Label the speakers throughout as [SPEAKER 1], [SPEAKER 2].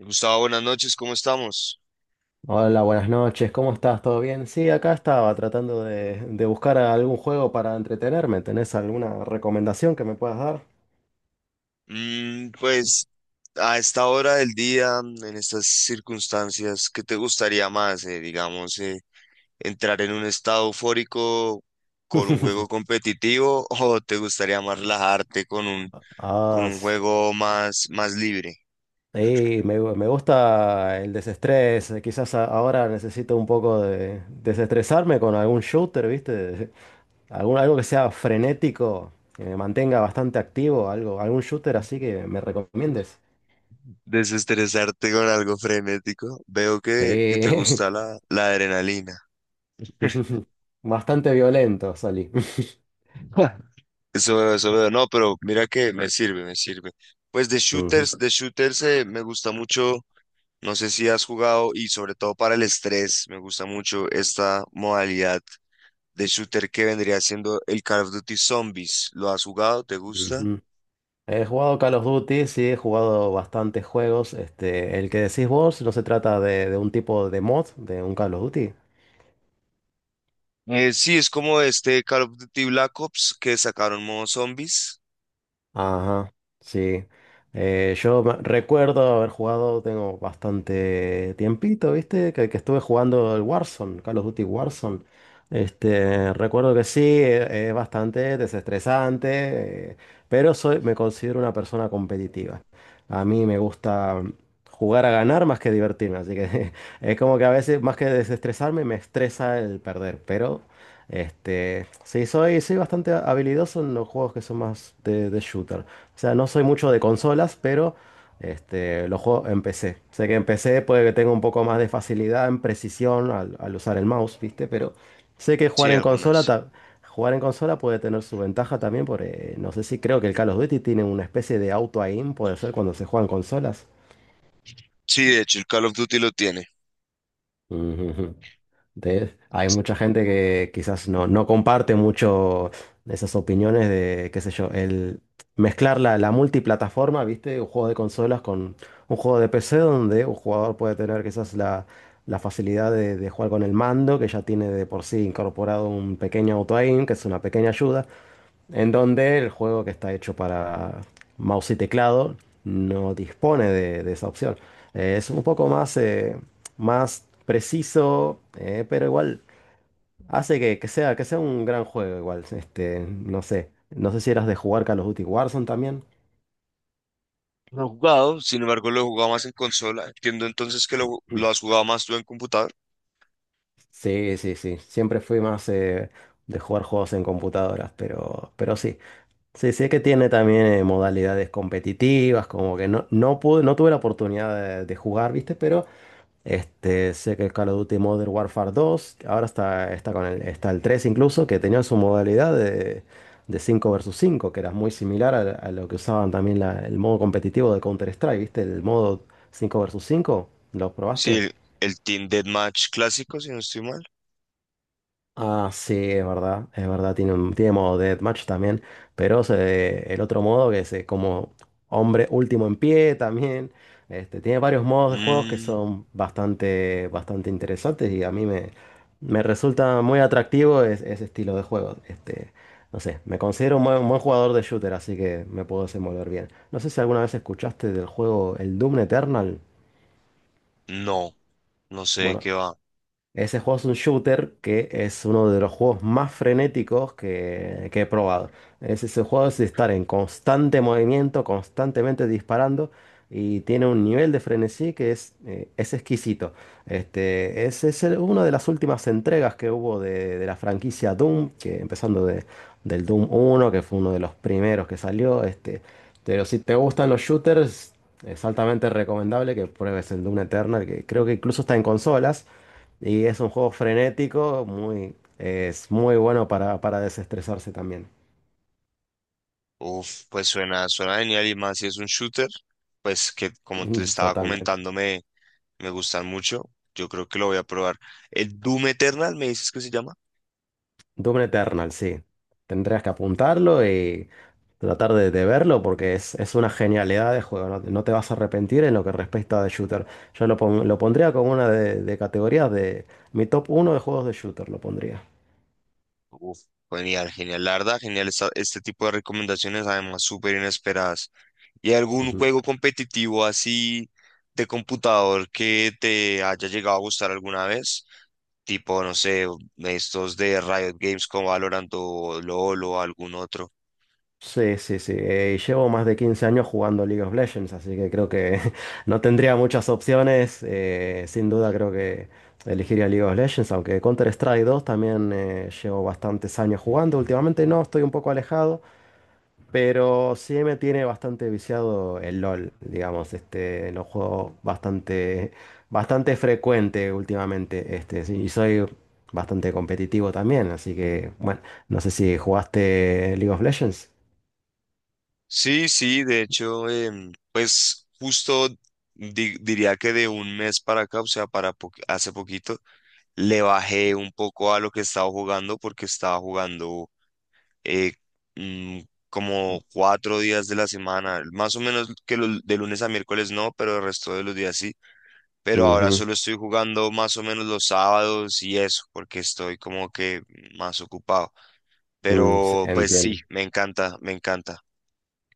[SPEAKER 1] Gustavo, buenas noches, ¿cómo estamos?
[SPEAKER 2] Hola, buenas noches, ¿cómo estás? ¿Todo bien? Sí, acá estaba tratando de buscar algún juego para entretenerme. ¿Tenés alguna recomendación que me puedas dar?
[SPEAKER 1] Mm, pues a esta hora del día, en estas circunstancias, ¿qué te gustaría más? Digamos, entrar en un estado eufórico con un juego competitivo o te gustaría más relajarte con
[SPEAKER 2] Ah,
[SPEAKER 1] un juego más, ¿más libre?
[SPEAKER 2] sí, me gusta el desestrés. Quizás ahora necesito un poco de desestresarme con algún shooter, ¿viste? Algo que sea frenético, que me mantenga bastante activo, algo, algún shooter así que me recomiendes.
[SPEAKER 1] Desestresarte con algo frenético. Veo que te
[SPEAKER 2] Sí,
[SPEAKER 1] gusta la adrenalina.
[SPEAKER 2] bastante violento salí.
[SPEAKER 1] Eso veo. No, pero mira que me sirve, me sirve. Pues
[SPEAKER 2] Ujú,
[SPEAKER 1] de shooters me gusta mucho. No sé si has jugado y sobre todo para el estrés, me gusta mucho esta modalidad de shooter que vendría siendo el Call of Duty Zombies. ¿Lo has jugado? ¿Te gusta?
[SPEAKER 2] ujú. He jugado Call of Duty, sí, he jugado bastantes juegos. Este, el que decís vos no se trata de un tipo de mod de un Call of Duty.
[SPEAKER 1] Sí, es como este Call of Duty Black Ops que sacaron modo zombies.
[SPEAKER 2] Ajá, sí. Yo recuerdo haber jugado, tengo bastante tiempito, ¿viste? Que estuve jugando el Warzone, Call of Duty Warzone. Este, recuerdo que sí, es bastante desestresante, pero me considero una persona competitiva. A mí me gusta jugar a ganar más que divertirme, así que es como que a veces más que desestresarme me estresa el perder, pero este, sí, soy bastante habilidoso en los juegos que son más de shooter. O sea, no soy mucho de consolas, pero este, los juegos en PC. Sé que en PC puede que tenga un poco más de facilidad en precisión al usar el mouse, ¿viste? Pero sé que
[SPEAKER 1] Sí, algunas.
[SPEAKER 2] jugar en consola puede tener su ventaja también, porque no sé si creo que el Call of Duty tiene una especie de auto-aim, puede ser cuando se juegan consolas.
[SPEAKER 1] Sí, de hecho, el Call of Duty lo tiene.
[SPEAKER 2] Hay mucha gente que quizás no, no comparte mucho esas opiniones de, qué sé yo, el mezclar la multiplataforma, ¿viste? Un juego de consolas con un juego de PC donde un jugador puede tener quizás la facilidad de jugar con el mando, que ya tiene de por sí incorporado un pequeño auto-aim, que es una pequeña ayuda, en donde el juego que está hecho para mouse y teclado no dispone de esa opción. Es un poco más preciso, pero igual hace que sea un gran juego igual. Este, no sé si eras de jugar Call of Duty Warzone también.
[SPEAKER 1] Lo he jugado, sin embargo lo he jugado más en consola. Entiendo entonces que lo has jugado más tú en computador.
[SPEAKER 2] Sí, sí, sí. Siempre fui más de jugar juegos en computadoras, pero sí. Sí, sí que tiene también modalidades competitivas, como que no pude, no tuve la oportunidad de jugar, ¿viste? Pero este, sé que el Call of Duty Modern Warfare dos ahora está está el 3 incluso, que tenía su modalidad de 5 versus 5 que era muy similar a lo que usaban también el modo competitivo de Counter-Strike, ¿viste? El modo 5 versus cinco, ¿lo
[SPEAKER 1] Sí,
[SPEAKER 2] probaste?
[SPEAKER 1] el Team Deathmatch clásico, si no estoy mal.
[SPEAKER 2] Ah, sí, es verdad, tiene modo deathmatch también, pero el otro modo que es como hombre último en pie también, este, tiene varios modos de juegos que
[SPEAKER 1] Mm,
[SPEAKER 2] son bastante, bastante interesantes y a mí me resulta muy atractivo ese estilo de juego, este, no sé, me considero un buen jugador de shooter, así que me puedo desenvolver bien. No sé si alguna vez escuchaste del juego el Doom Eternal.
[SPEAKER 1] no, no sé de
[SPEAKER 2] Bueno,
[SPEAKER 1] qué va.
[SPEAKER 2] ese juego es un shooter que es uno de los juegos más frenéticos que he probado. Es ese juego es de estar en constante movimiento, constantemente disparando y tiene un nivel de frenesí que es exquisito. Este, es una de las últimas entregas que hubo de la franquicia Doom, que empezando del Doom uno, que fue uno de los primeros que salió. Este, pero si te gustan los shooters, es altamente recomendable que pruebes el Doom Eternal, que creo que incluso está en consolas. Y es un juego frenético, muy, es muy bueno para desestresarse también.
[SPEAKER 1] Uf, pues suena, suena genial y más si es un shooter, pues que como te
[SPEAKER 2] Mm.
[SPEAKER 1] estaba
[SPEAKER 2] Totalmente.
[SPEAKER 1] comentando me gustan mucho. Yo creo que lo voy a probar. El Doom Eternal, ¿me dices que se llama?
[SPEAKER 2] Doom Eternal, sí. Tendrías que apuntarlo y tratar de verlo porque es una genialidad de juego. No, no te vas a arrepentir en lo que respecta de shooter. Yo lo pondría como una de categorías de mi top uno de juegos de shooter, lo pondría.
[SPEAKER 1] Uf, genial, genial, la verdad, genial este tipo de recomendaciones, además súper inesperadas. ¿Y algún
[SPEAKER 2] Ujú.
[SPEAKER 1] juego competitivo así de computador que te haya llegado a gustar alguna vez? Tipo, no sé, estos de Riot Games como Valorant o LoL o algún otro.
[SPEAKER 2] Sí, sí, sí. Y llevo más de 15 años jugando League of Legends, así que creo que no tendría muchas opciones. Sin duda creo que elegiría League of Legends, aunque Counter-Strike 2 también llevo bastantes años jugando. Últimamente no, estoy un poco alejado, pero sí me tiene bastante viciado el LOL, digamos. Este, lo juego bastante, bastante frecuente últimamente, este, sí, y soy bastante competitivo también, así que bueno, no sé si jugaste League of Legends.
[SPEAKER 1] Sí, sí, de hecho, pues justo diría que de un mes para acá, o sea, para hace poquito, le bajé un poco a lo que estaba jugando porque estaba jugando eh, mm, como cuatro días de la semana, más o menos que de lunes a miércoles no, pero el resto de los días sí. Pero ahora
[SPEAKER 2] Ujú.
[SPEAKER 1] solo estoy jugando más o menos los sábados y eso, porque estoy como que más ocupado.
[SPEAKER 2] Mm, sí,
[SPEAKER 1] Pero pues
[SPEAKER 2] entiendo.
[SPEAKER 1] sí, me encanta, me encanta.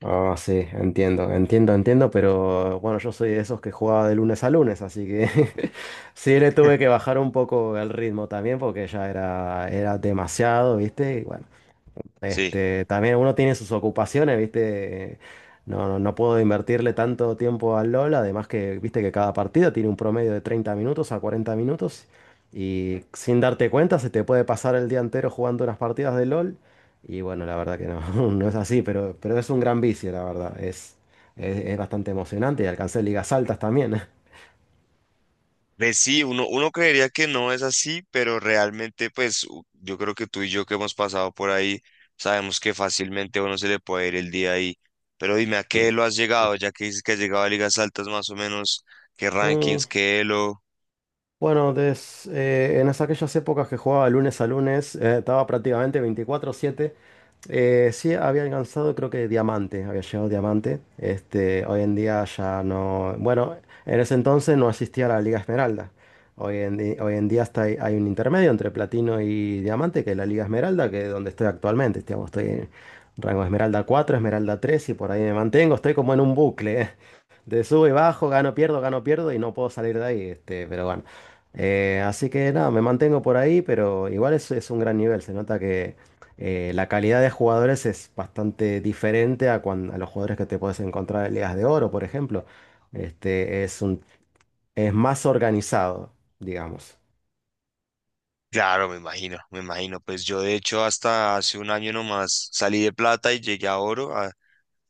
[SPEAKER 2] Ah, sí, entiendo, entiendo, entiendo, pero bueno, yo soy de esos que jugaba de lunes a lunes, así que sí le tuve que bajar un poco el ritmo también porque ya era demasiado, ¿viste?
[SPEAKER 1] Sí.
[SPEAKER 2] Este, también uno tiene sus ocupaciones, ¿viste? No, no, no puedo invertirle tanto tiempo al LOL, además que, viste que cada partido tiene un promedio de 30 minutos a 40 minutos y sin darte cuenta se te puede pasar el día entero jugando unas partidas de LOL y bueno, la verdad que no, no es así, pero es un gran vicio, la verdad, es bastante emocionante y alcancé ligas altas también.
[SPEAKER 1] Pues sí, uno, uno creería que no es así, pero realmente, pues yo creo que tú y yo que hemos pasado por ahí, sabemos que fácilmente a uno se le puede ir el día ahí. Pero dime, ¿a qué
[SPEAKER 2] Mm.
[SPEAKER 1] lo has llegado? Ya que dices que has llegado a ligas altas más o menos, ¿qué
[SPEAKER 2] Mm,
[SPEAKER 1] rankings, qué elo?
[SPEAKER 2] bueno, en aquellas épocas que jugaba lunes a lunes, estaba prácticamente 24/7. Sí, había alcanzado creo que diamante, había llegado diamante. Este, hoy en día ya no, bueno, en ese entonces no existía la Liga Esmeralda. Hoy en día hay un intermedio entre platino y diamante, que es la Liga Esmeralda, que es donde estoy actualmente. Digamos, estoy en rango Esmeralda 4 Esmeralda 3 y por ahí me mantengo. Estoy como en un bucle, ¿eh? De subo y bajo, gano, pierdo y no puedo salir de ahí. Este, pero bueno. Así que nada, me mantengo por ahí, pero igual es un gran nivel. Se nota que la calidad de jugadores es bastante diferente a, a los jugadores que te puedes encontrar en ligas de oro, por ejemplo. Este es más organizado, digamos.
[SPEAKER 1] Claro, me imagino, me imagino. Pues yo de hecho hasta hace un año nomás salí de plata y llegué a oro.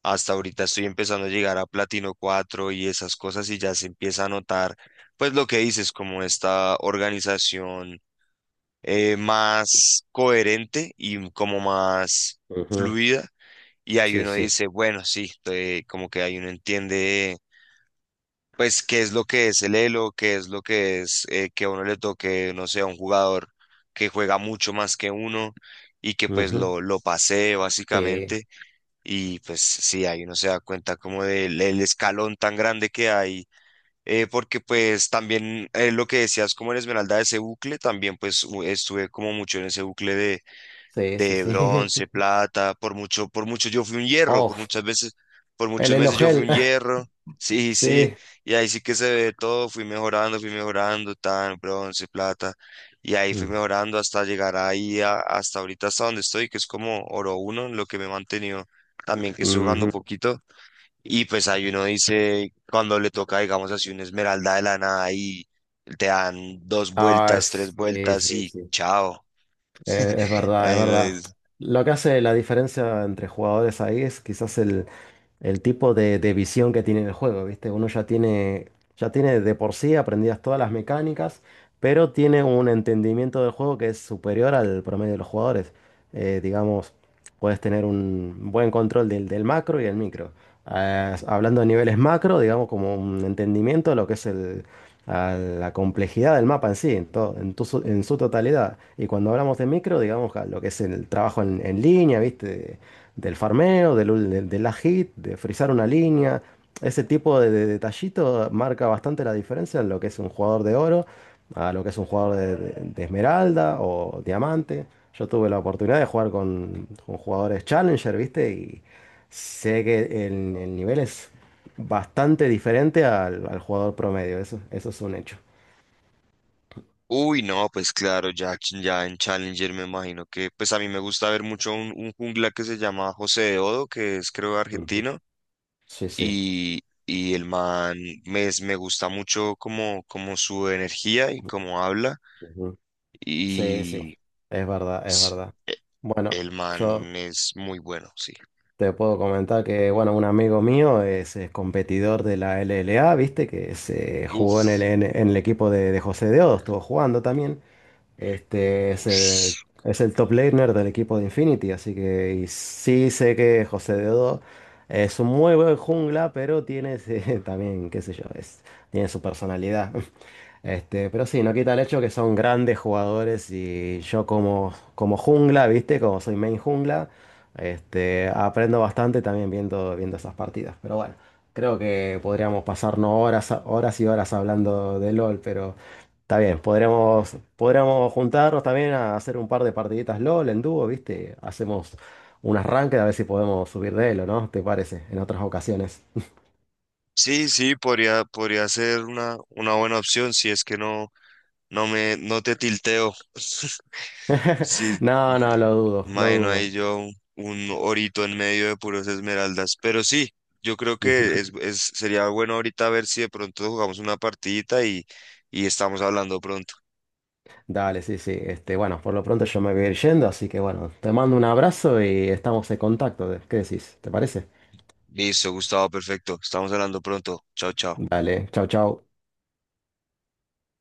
[SPEAKER 1] Hasta ahorita estoy empezando a llegar a platino 4 y esas cosas y ya se empieza a notar, pues lo que dices, como esta organización más coherente y como más
[SPEAKER 2] Ujú.
[SPEAKER 1] fluida. Y ahí
[SPEAKER 2] Sí,
[SPEAKER 1] uno
[SPEAKER 2] sí.
[SPEAKER 1] dice, bueno, sí, como que ahí uno entiende, pues, qué es lo que es el elo, qué es lo que es que a uno le toque, no sé, a un jugador que juega mucho más que uno y que pues
[SPEAKER 2] Ujú.
[SPEAKER 1] lo pasee
[SPEAKER 2] Sí,
[SPEAKER 1] básicamente. Y pues sí, ahí uno se da cuenta como del el escalón tan grande que hay. Porque pues también lo que decías como en Esmeralda, ese bucle, también pues estuve como mucho en ese bucle
[SPEAKER 2] sí, sí,
[SPEAKER 1] de
[SPEAKER 2] sí.
[SPEAKER 1] bronce, plata, por mucho yo fui un hierro, por
[SPEAKER 2] Oh,
[SPEAKER 1] muchas veces, por
[SPEAKER 2] el
[SPEAKER 1] muchos meses yo fui
[SPEAKER 2] elogel.
[SPEAKER 1] un hierro, sí, sí,
[SPEAKER 2] Sí.
[SPEAKER 1] y ahí sí que se ve todo, fui mejorando, tan, bronce, plata, y ahí fui
[SPEAKER 2] Mm.
[SPEAKER 1] mejorando hasta llegar ahí, hasta ahorita, hasta donde estoy, que es como oro uno, en lo que me he mantenido también, que estoy jugando
[SPEAKER 2] Ujú.
[SPEAKER 1] poquito, y pues ahí uno dice, cuando le toca, digamos así, una esmeralda de la nada, y te dan dos
[SPEAKER 2] Ah,
[SPEAKER 1] vueltas, tres
[SPEAKER 2] sí,
[SPEAKER 1] vueltas,
[SPEAKER 2] sí,
[SPEAKER 1] y
[SPEAKER 2] sí.
[SPEAKER 1] chao.
[SPEAKER 2] Es verdad, es
[SPEAKER 1] Ay,
[SPEAKER 2] verdad.
[SPEAKER 1] no,
[SPEAKER 2] Lo que hace la diferencia entre jugadores ahí es quizás el tipo de visión que tiene el juego, ¿viste? Uno ya tiene de por sí aprendidas todas las mecánicas, pero tiene un entendimiento del juego que es superior al promedio de los jugadores. Digamos, puedes tener un buen control del macro y el micro. Ah, hablando de niveles macro, digamos, como un entendimiento de lo que es a la complejidad del mapa en sí, en, to- en, tu su- en su totalidad. Y cuando hablamos de micro, digamos, a lo que es el trabajo en línea, ¿viste? Del farmeo, del last hit, de frizar una línea. Ese tipo de detallito marca bastante la diferencia en lo que es un jugador de oro a lo que es un jugador de esmeralda o diamante. Yo tuve la oportunidad de jugar con jugadores Challenger, ¿viste? Y sé que el nivel es bastante diferente al jugador promedio. Eso es un hecho.
[SPEAKER 1] uy, no, pues claro, ya, ya en Challenger me imagino que, pues a mí me gusta ver mucho un jungla que se llama José de Odo, que es creo
[SPEAKER 2] Ujú.
[SPEAKER 1] argentino,
[SPEAKER 2] Sí, sí.
[SPEAKER 1] y el man me gusta mucho como, como su energía y como habla,
[SPEAKER 2] Ujú. Sí, sí.
[SPEAKER 1] y
[SPEAKER 2] Es verdad, es
[SPEAKER 1] s-
[SPEAKER 2] verdad.
[SPEAKER 1] e-
[SPEAKER 2] Bueno,
[SPEAKER 1] el
[SPEAKER 2] yo
[SPEAKER 1] man es muy bueno, sí.
[SPEAKER 2] te puedo comentar que, bueno, un amigo mío es, competidor de la LLA, viste, que se jugó en el,
[SPEAKER 1] Uf,
[SPEAKER 2] en, en el equipo de José Deodo, estuvo jugando también. Este
[SPEAKER 1] ush.
[SPEAKER 2] es el top laner del equipo de Infinity, así que y sí sé que José Deodo es un muy buen jungla, pero tiene también, qué sé yo, tiene su personalidad. Este, pero sí, no quita el hecho que son grandes jugadores y yo como jungla, ¿viste? Como soy main jungla, este, aprendo bastante también viendo esas partidas. Pero bueno, creo que podríamos pasarnos horas, horas y horas hablando de LOL, pero está bien, podríamos, podríamos juntarnos también a hacer un par de partiditas LOL en dúo, ¿viste? Hacemos un arranque a ver si podemos subir de elo, ¿no? ¿Te parece? En otras ocasiones.
[SPEAKER 1] Sí, sí, podría, podría ser una buena opción si es que no, no me, no te tilteo. Sí,
[SPEAKER 2] No, no, lo dudo, lo
[SPEAKER 1] imagino ahí
[SPEAKER 2] dudo.
[SPEAKER 1] yo un orito en medio de puros esmeraldas. Pero sí, yo creo que sería bueno ahorita ver si de pronto jugamos una partidita y estamos hablando pronto.
[SPEAKER 2] Dale, sí, sí. Este, bueno, por lo pronto yo me voy a ir yendo, así que bueno, te mando un abrazo y estamos en contacto. ¿Qué decís? ¿Te parece?
[SPEAKER 1] Listo, Gustavo, perfecto. Estamos hablando pronto. Chao, chao.
[SPEAKER 2] Dale, chau, chau.